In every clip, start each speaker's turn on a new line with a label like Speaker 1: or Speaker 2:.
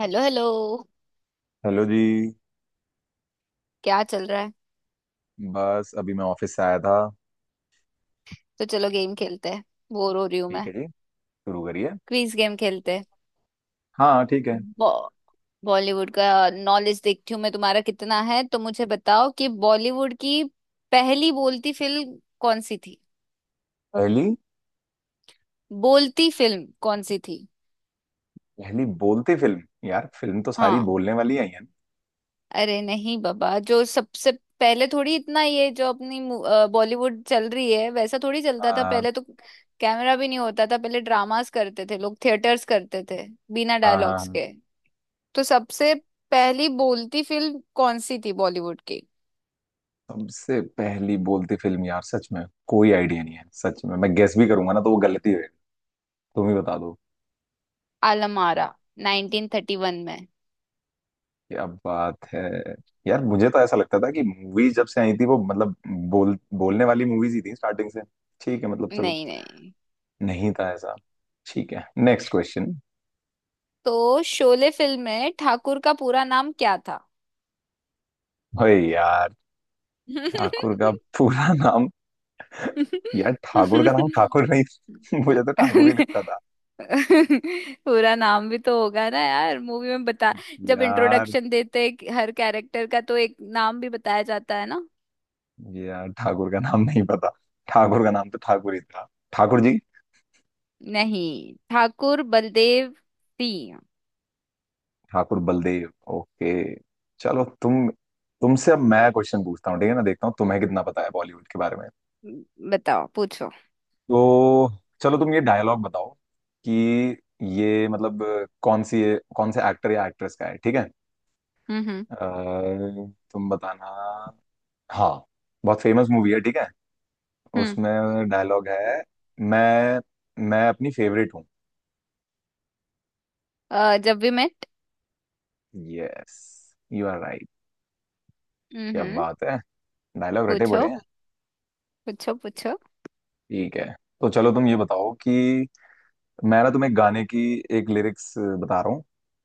Speaker 1: Hello hello.
Speaker 2: Hello जी।
Speaker 1: क्या चल रहा है?
Speaker 2: बस अभी मैं ऑफिस से आया था।
Speaker 1: तो चलो गेम खेलते हैं। बोर हो रही हूँ
Speaker 2: ठीक
Speaker 1: मैं।
Speaker 2: है जी, शुरू करिए।
Speaker 1: क्विज गेम खेलते हैं।
Speaker 2: हाँ ठीक है।
Speaker 1: बॉ- बॉलीवुड का नॉलेज देखती हूँ मैं तुम्हारा कितना है, तो मुझे बताओ कि बॉलीवुड की पहली बोलती फिल्म कौन सी थी?
Speaker 2: पहली?
Speaker 1: बोलती फिल्म कौन सी थी?
Speaker 2: पहली बोलती फिल्म यार, फिल्म तो सारी
Speaker 1: हाँ।
Speaker 2: बोलने वाली आई है ना।
Speaker 1: अरे नहीं बाबा, जो सबसे पहले थोड़ी, इतना ये जो अपनी बॉलीवुड चल रही है वैसा थोड़ी चलता था
Speaker 2: हाँ
Speaker 1: पहले तो। कैमरा भी नहीं होता था पहले, ड्रामास करते थे लोग, थिएटर्स करते थे बिना
Speaker 2: हाँ हाँ
Speaker 1: डायलॉग्स
Speaker 2: हाँ।
Speaker 1: के। तो सबसे पहली बोलती फिल्म कौन सी थी बॉलीवुड की?
Speaker 2: सबसे पहली बोलती फिल्म यार, सच में कोई आइडिया नहीं है। सच में मैं गेस भी करूंगा ना तो वो गलती होगी। तुम ही बता दो।
Speaker 1: आलमारा, 1931 में।
Speaker 2: क्या बात है! यार मुझे तो ऐसा लगता था कि मूवी जब से आई थी वो मतलब बोलने वाली मूवीज ही थी स्टार्टिंग से। ठीक है मतलब, चलो।
Speaker 1: नहीं नहीं।
Speaker 2: नहीं था ऐसा। ठीक है, नेक्स्ट क्वेश्चन।
Speaker 1: तो शोले फिल्म में ठाकुर का पूरा नाम क्या था?
Speaker 2: यार ठाकुर का पूरा नाम, यार ठाकुर का नाम ठाकुर नहीं? मुझे तो ठाकुर ही लगता था।
Speaker 1: पूरा नाम भी तो होगा ना यार, मूवी में बता। जब
Speaker 2: यार,
Speaker 1: इंट्रोडक्शन देते हैं कि हर कैरेक्टर का, तो एक नाम भी बताया जाता है ना।
Speaker 2: यार ठाकुर का नाम नहीं पता। ठाकुर का नाम तो ठाकुर ही था, ठाकुर जी।
Speaker 1: नहीं, ठाकुर बलदेव सिंह।
Speaker 2: ठाकुर बलदेव, ओके। चलो तुम, तुमसे अब मैं क्वेश्चन पूछता हूँ, ठीक है ना। देखता हूँ तुम्हें कितना पता है बॉलीवुड के बारे में।
Speaker 1: बताओ, पूछो।
Speaker 2: तो चलो तुम ये डायलॉग बताओ कि ये मतलब कौन सी, कौन से एक्टर या एक्ट्रेस का है, ठीक है।
Speaker 1: हम्म।
Speaker 2: अ, तुम बताना। हाँ, बहुत फेमस मूवी है, ठीक है।
Speaker 1: हम्म।
Speaker 2: उसमें डायलॉग है, मैं मैं अपनी फेवरेट हूँ।
Speaker 1: जब we met.
Speaker 2: Yes, you are right. क्या
Speaker 1: हम्म।
Speaker 2: बात है, डायलॉग रटे बड़े
Speaker 1: पूछो,
Speaker 2: हैं।
Speaker 1: पूछो, पूछो।
Speaker 2: ठीक है, तो चलो तुम ये बताओ कि मैं ना तुम्हें गाने की एक लिरिक्स बता रहा हूँ,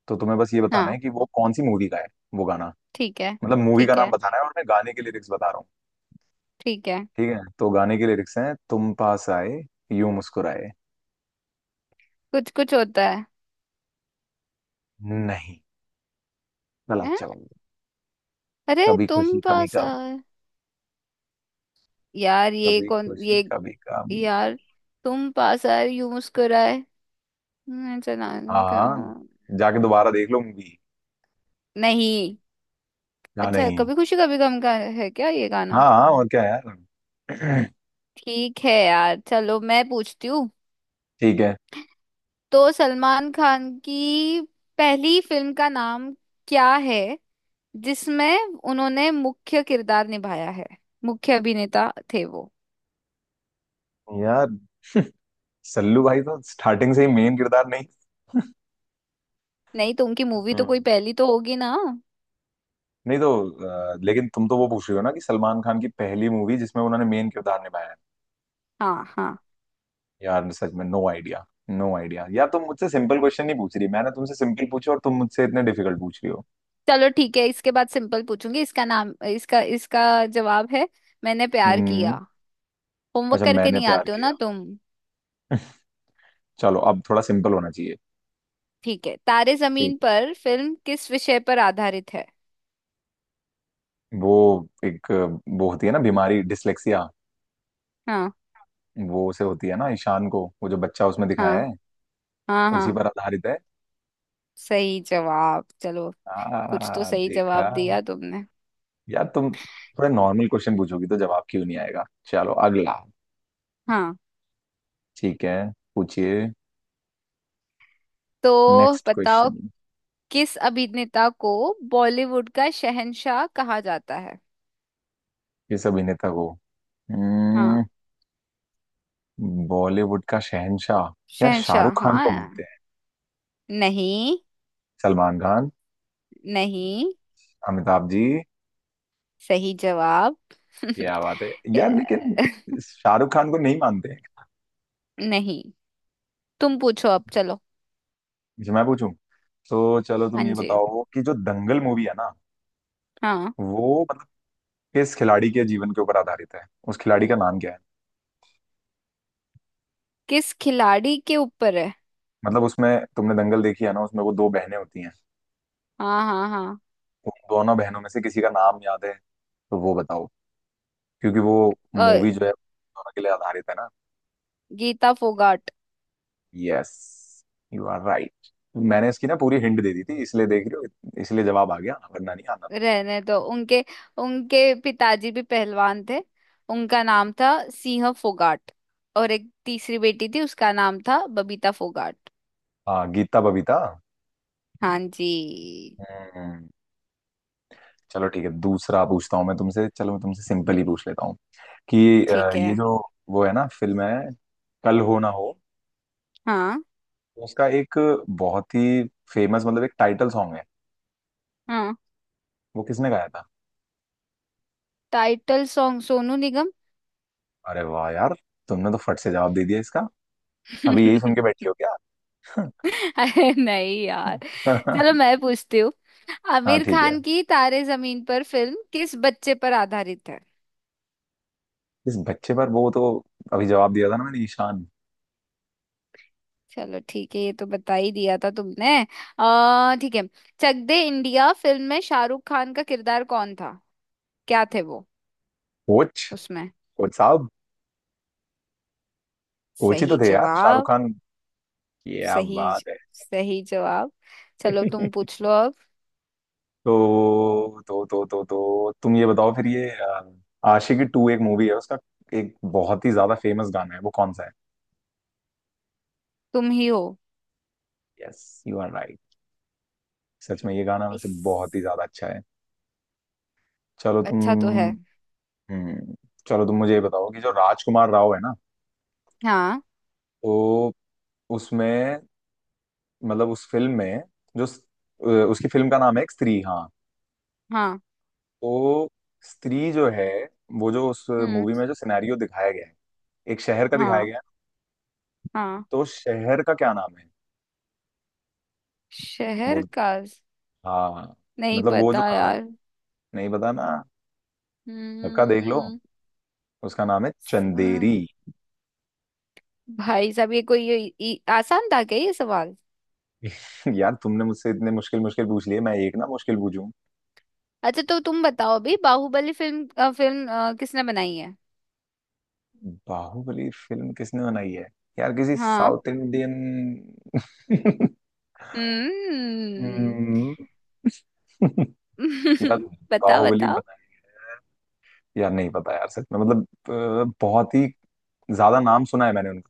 Speaker 2: तो तुम्हें बस ये बताना
Speaker 1: हाँ
Speaker 2: है कि वो कौन सी मूवी का है वो गाना।
Speaker 1: ठीक है।
Speaker 2: मतलब मूवी का
Speaker 1: ठीक
Speaker 2: नाम
Speaker 1: है।
Speaker 2: बताना है, और मैं गाने की लिरिक्स बता रहा हूँ।
Speaker 1: ठीक है।
Speaker 2: ठीक है, तो गाने की लिरिक्स हैं, तुम पास आए, यूं मुस्कुराए।
Speaker 1: कुछ कुछ होता है।
Speaker 2: नहीं, गलत
Speaker 1: हैं?
Speaker 2: जवाब।
Speaker 1: अरे
Speaker 2: कभी
Speaker 1: तुम
Speaker 2: खुशी कभी
Speaker 1: पास
Speaker 2: गम।
Speaker 1: आए। यार ये
Speaker 2: कभी
Speaker 1: कौन
Speaker 2: खुशी
Speaker 1: ये।
Speaker 2: कभी गम।
Speaker 1: यार तुम पास आए यूं मुस्कुराए। चला।
Speaker 2: हाँ,
Speaker 1: क्यों?
Speaker 2: जाके दोबारा देख लो मूवी।
Speaker 1: नहीं।
Speaker 2: या
Speaker 1: अच्छा,
Speaker 2: नहीं?
Speaker 1: कभी खुशी कभी गम का है क्या ये गाना?
Speaker 2: हाँ हाँ और क्या यार।
Speaker 1: ठीक है यार, चलो मैं पूछती हूँ।
Speaker 2: ठीक है।
Speaker 1: तो सलमान खान की पहली फिल्म का नाम क्या है जिसमें उन्होंने मुख्य किरदार निभाया है? मुख्य अभिनेता थे वो।
Speaker 2: यार, सल्लू भाई तो स्टार्टिंग से ही मेन किरदार नहीं।
Speaker 1: नहीं तो उनकी मूवी तो कोई
Speaker 2: हम्म।
Speaker 1: पहली तो होगी ना।
Speaker 2: नहीं तो, लेकिन तुम तो वो पूछ रहे हो ना कि सलमान खान की पहली मूवी जिसमें उन्होंने मेन किरदार निभाया है।
Speaker 1: हाँ हाँ।
Speaker 2: यार सच में नो आइडिया। नो आइडिया यार, तुम मुझसे सिंपल क्वेश्चन नहीं पूछ रही। मैंने तुमसे सिंपल पूछे और तुम मुझसे इतने डिफिकल्ट पूछ रही हो।
Speaker 1: चलो ठीक है, इसके बाद सिंपल पूछूंगी। इसका नाम, इसका इसका जवाब है मैंने प्यार
Speaker 2: हम्म।
Speaker 1: किया। होमवर्क
Speaker 2: अच्छा,
Speaker 1: करके
Speaker 2: मैंने
Speaker 1: नहीं
Speaker 2: प्यार
Speaker 1: आते हो ना
Speaker 2: किया।
Speaker 1: तुम।
Speaker 2: चलो, अब थोड़ा सिंपल होना चाहिए।
Speaker 1: ठीक है, तारे
Speaker 2: ठीक
Speaker 1: जमीन
Speaker 2: है।
Speaker 1: पर फिल्म किस विषय पर आधारित है?
Speaker 2: वो एक वो होती है ना बीमारी, डिसलेक्सिया।
Speaker 1: हाँ
Speaker 2: वो से होती है ना ईशान को, वो जो बच्चा उसमें
Speaker 1: हाँ
Speaker 2: दिखाया है।
Speaker 1: हाँ
Speaker 2: उसी
Speaker 1: हाँ,
Speaker 2: पर आधारित है।
Speaker 1: सही जवाब। चलो, कुछ तो सही
Speaker 2: देखा।
Speaker 1: जवाब दिया तुमने।
Speaker 2: यार तुम थोड़े नॉर्मल क्वेश्चन पूछोगी तो जवाब क्यों नहीं आएगा। चलो अगला।
Speaker 1: हाँ।
Speaker 2: ठीक है, पूछिए।
Speaker 1: तो
Speaker 2: नेक्स्ट
Speaker 1: बताओ,
Speaker 2: क्वेश्चन।
Speaker 1: किस अभिनेता को बॉलीवुड का शहंशाह कहा जाता है?
Speaker 2: किस अभिनेता को,
Speaker 1: हाँ।
Speaker 2: हम्म, बॉलीवुड का शहंशाह? यार
Speaker 1: शहंशाह,
Speaker 2: शाहरुख खान को
Speaker 1: हाँ।
Speaker 2: बोलते हैं।
Speaker 1: नहीं।
Speaker 2: सलमान खान।
Speaker 1: नहीं।
Speaker 2: अमिताभ जी।
Speaker 1: सही जवाब।
Speaker 2: क्या बात है! यार लेकिन
Speaker 1: Yeah.
Speaker 2: शाहरुख खान को नहीं मानते हैं?
Speaker 1: नहीं, तुम पूछो अब, चलो।
Speaker 2: अच्छा, मैं पूछूं। तो चलो
Speaker 1: हाँ
Speaker 2: तुम ये
Speaker 1: जी।
Speaker 2: बताओ कि जो दंगल मूवी है ना,
Speaker 1: हाँ।
Speaker 2: वो मतलब किस खिलाड़ी के जीवन के ऊपर आधारित है? उस खिलाड़ी का नाम क्या है?
Speaker 1: किस खिलाड़ी के ऊपर है?
Speaker 2: मतलब उसमें, तुमने दंगल देखी है ना, उसमें वो दो बहनें होती हैं,
Speaker 1: हाँ हाँ हाँ।
Speaker 2: तो उन दोनों बहनों में से किसी का नाम याद है तो वो बताओ। क्योंकि वो
Speaker 1: अ,
Speaker 2: मूवी जो है दोनों के लिए आधारित है ना।
Speaker 1: Geeta Phogat.
Speaker 2: Yes, you are right. मैंने इसकी ना पूरी हिंट दे दी थी, इसलिए देख रही हो इसलिए जवाब आ गया, वरना नहीं आना था।
Speaker 1: रहने दो उनके। उनके पिताजी भी पहलवान थे। उनका नाम था सिंह फोगाट। और एक तीसरी बेटी थी, उसका नाम था बबीता फोगाट।
Speaker 2: हाँ, गीता बबीता।
Speaker 1: हाँ जी।
Speaker 2: हम्म। चलो ठीक है, दूसरा पूछता हूँ मैं तुमसे। चलो, मैं तुमसे सिंपल ही पूछ लेता हूँ। कि
Speaker 1: ठीक
Speaker 2: ये
Speaker 1: है।
Speaker 2: जो वो है ना, फिल्म है कल हो ना हो,
Speaker 1: हाँ
Speaker 2: उसका एक बहुत ही फेमस मतलब एक टाइटल सॉन्ग है,
Speaker 1: हाँ।
Speaker 2: वो किसने गाया था?
Speaker 1: Title song, Sonu Nigam.
Speaker 2: अरे वाह यार, तुमने तो फट से जवाब दे दिया इसका। अभी यही सुन के बैठी हो क्या?
Speaker 1: अरे नहीं यार। चलो मैं पूछती हूँ।
Speaker 2: हाँ
Speaker 1: आमिर
Speaker 2: ठीक है।
Speaker 1: खान की तारे जमीन पर फिल्म किस बच्चे पर आधारित है?
Speaker 2: इस बच्चे पर? वो तो अभी जवाब दिया था ना मैंने, ईशान।
Speaker 1: चलो ठीक है, ये तो बता ही दिया था तुमने। आ ठीक है। चक दे इंडिया फिल्म में शाहरुख खान का किरदार कौन था? क्या थे वो,
Speaker 2: कोच।
Speaker 1: उसमें?
Speaker 2: कोच साहब, कोच ही तो
Speaker 1: सही
Speaker 2: थे यार शाहरुख
Speaker 1: जवाब।
Speaker 2: खान। क्या
Speaker 1: सही,
Speaker 2: बात है!
Speaker 1: सही जवाब। चलो तुम पूछ लो अब।
Speaker 2: तो तुम ये बताओ फिर ये आशिकी टू एक मूवी है, उसका एक बहुत ही ज्यादा फेमस गाना है, वो कौन सा है?
Speaker 1: तुम ही हो।
Speaker 2: Yes, you are. सच में ये गाना वैसे
Speaker 1: इस।
Speaker 2: बहुत ही ज्यादा अच्छा है। चलो तुम,
Speaker 1: अच्छा तो है।
Speaker 2: हम्म। चलो तुम मुझे ये बताओ कि जो राजकुमार राव है ना,
Speaker 1: हाँ
Speaker 2: तो उसमें मतलब उस फिल्म में, जो स- उसकी फिल्म का नाम है एक स्त्री, हाँ।
Speaker 1: हाँ।
Speaker 2: तो स्त्री जो है, वो जो उस
Speaker 1: हम्म।
Speaker 2: मूवी में जो सिनेरियो दिखाया गया है, एक शहर का दिखाया
Speaker 1: हाँ
Speaker 2: गया है,
Speaker 1: हाँ।
Speaker 2: तो उस शहर का क्या नाम है?
Speaker 1: शहर
Speaker 2: बोल।
Speaker 1: का
Speaker 2: हाँ हाँ,
Speaker 1: नहीं
Speaker 2: मतलब वो जो
Speaker 1: पता
Speaker 2: कहानी।
Speaker 1: यार।
Speaker 2: नहीं पता ना? पक्का देख लो,
Speaker 1: हम्म।
Speaker 2: उसका नाम है चंदेरी।
Speaker 1: स- भाई साहब, ये कोई आसान था क्या ये सवाल?
Speaker 2: यार तुमने मुझसे इतने मुश्किल मुश्किल पूछ लिए, मैं एक ना मुश्किल पूछूं।
Speaker 1: अच्छा तो तुम बताओ अभी, बाहुबली फिल्म किसने बनाई है?
Speaker 2: बाहुबली फिल्म किसने बनाई है? यार किसी
Speaker 1: हाँ।
Speaker 2: South Indian.
Speaker 1: हम्म।
Speaker 2: हम्म, यार
Speaker 1: बताओ,
Speaker 2: बाहुबली
Speaker 1: बताओ।
Speaker 2: बनाई, यार नहीं पता यार सच में। मतलब बहुत ही ज्यादा नाम सुना है मैंने उनका,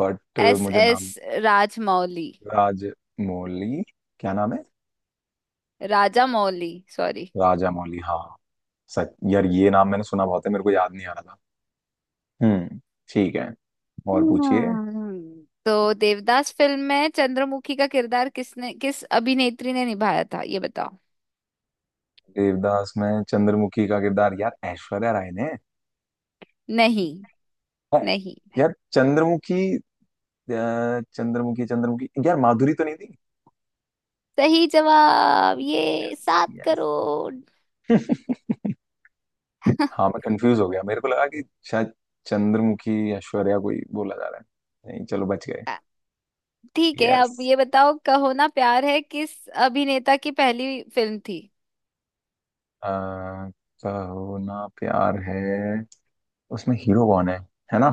Speaker 2: बट
Speaker 1: एस
Speaker 2: मुझे
Speaker 1: एस
Speaker 2: नाम।
Speaker 1: राजमौली।
Speaker 2: राजमौली। क्या नाम है?
Speaker 1: राजा मौली, सॉरी।
Speaker 2: राजा मौली, हाँ। सच यार, ये नाम मैंने सुना बहुत है, मेरे को याद नहीं आ रहा था। हम्म, ठीक है, और पूछिए।
Speaker 1: हम्म। तो देवदास फिल्म में चंद्रमुखी का किरदार किसने, किस अभिनेत्री ने निभाया था, ये बताओ।
Speaker 2: देवदास में चंद्रमुखी का किरदार, यार ऐश्वर्या राय ने
Speaker 1: नहीं।
Speaker 2: है।
Speaker 1: नहीं।
Speaker 2: यार चंद्रमुखी, अ, चंद्रमुखी चंद्रमुखी यार माधुरी तो नहीं थी?
Speaker 1: सही जवाब, ये
Speaker 2: यस
Speaker 1: सात
Speaker 2: यस।
Speaker 1: करोड़
Speaker 2: हाँ मैं कंफ्यूज हो गया, मेरे को लगा कि शायद चंद्रमुखी ऐश्वर्या कोई बोला जा रहा है। नहीं चलो, बच गए।
Speaker 1: अ, ठीक है,
Speaker 2: यस।
Speaker 1: अब ये बताओ, कहो ना प्यार है किस अभिनेता की पहली फिल्म थी?
Speaker 2: अ, कहो ना प्यार है, उसमें हीरो कौन है ना।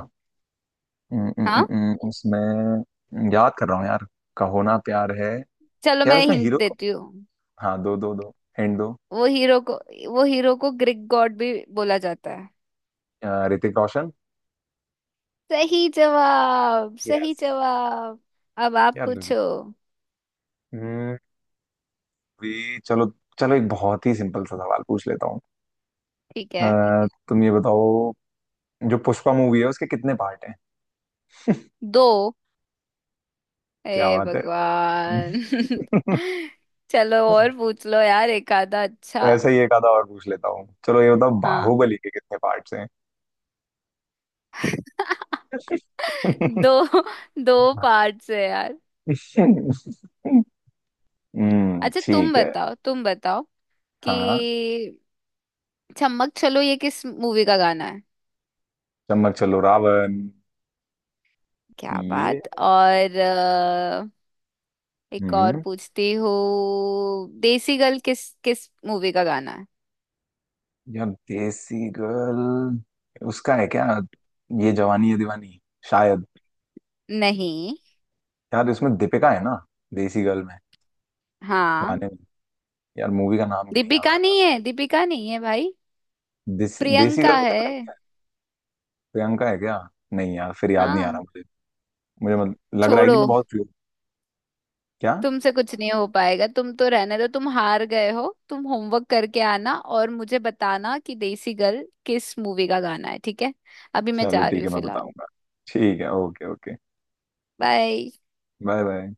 Speaker 2: उम, उम, उम,
Speaker 1: हाँ,
Speaker 2: उसमें याद कर रहा हूँ यार, कहो ना प्यार है।
Speaker 1: चलो
Speaker 2: यार
Speaker 1: मैं
Speaker 2: उसमें
Speaker 1: हिंट
Speaker 2: हीरो कौन?
Speaker 1: देती हूँ।
Speaker 2: हाँ, दो दो दो हिंट दो।
Speaker 1: वो हीरो को वो हीरो को ग्रीक गॉड भी बोला जाता है।
Speaker 2: ऋतिक रोशन।
Speaker 1: सही जवाब, सही
Speaker 2: यस।
Speaker 1: जवाब। अब आप
Speaker 2: यार,
Speaker 1: पूछो।
Speaker 2: हम्म, भी चलो। चलो एक बहुत ही सिंपल सा सवाल पूछ लेता हूँ।
Speaker 1: ठीक है।
Speaker 2: तुम ये बताओ, जो पुष्पा मूवी है उसके कितने पार्ट हैं?
Speaker 1: दो।
Speaker 2: क्या
Speaker 1: हे
Speaker 2: बात है!
Speaker 1: भगवान। चलो और पूछ लो यार, एक आधा अच्छा।
Speaker 2: ऐसा ही एक आधा और पूछ लेता हूँ। चलो ये बताओ,
Speaker 1: हाँ।
Speaker 2: बाहुबली के कितने पार्ट्स हैं?
Speaker 1: दो। दो पार्ट्स है यार। अच्छा, तुम
Speaker 2: ठीक है।
Speaker 1: बताओ, तुम बताओ
Speaker 2: हाँ।
Speaker 1: कि चम्मक चलो ये किस मूवी का गाना है?
Speaker 2: चम्मक चलो, रावण।
Speaker 1: क्या
Speaker 2: ये।
Speaker 1: बात। और एक और
Speaker 2: हम्म,
Speaker 1: पूछती हूँ, देसी गर्ल किस किस मूवी का गाना है?
Speaker 2: यार देसी गर्ल, उसका है क्या ये जवानी है दीवानी, शायद?
Speaker 1: नहीं।
Speaker 2: यार इसमें दीपिका है ना, देसी गर्ल में, गाने
Speaker 1: हाँ।
Speaker 2: में? यार मूवी का नाम क्यों नहीं याद
Speaker 1: दीपिका
Speaker 2: आ
Speaker 1: नहीं
Speaker 2: रहा।
Speaker 1: है, दीपिका नहीं है भाई।
Speaker 2: देसी, देसी गर्ल
Speaker 1: प्रियंका
Speaker 2: में
Speaker 1: है।
Speaker 2: दीपिका नहीं है? प्रियंका है क्या? नहीं यार, फिर याद नहीं आ रहा
Speaker 1: हाँ।
Speaker 2: मुझे। मुझे मत, लग रहा है कि
Speaker 1: छोड़ो।
Speaker 2: मैं बहुत फ्री हूँ। क्या?
Speaker 1: तुमसे कुछ नहीं हो पाएगा, तुम तो रहने दो, तुम हार गए हो। तुम होमवर्क करके आना और मुझे बताना कि देसी गर्ल किस मूवी का गाना है, ठीक है? अभी मैं
Speaker 2: चलो
Speaker 1: जा रही
Speaker 2: ठीक है,
Speaker 1: हूँ
Speaker 2: मैं
Speaker 1: फिलहाल।
Speaker 2: बताऊंगा। ठीक है, okay okay.
Speaker 1: Bye.
Speaker 2: Bye bye.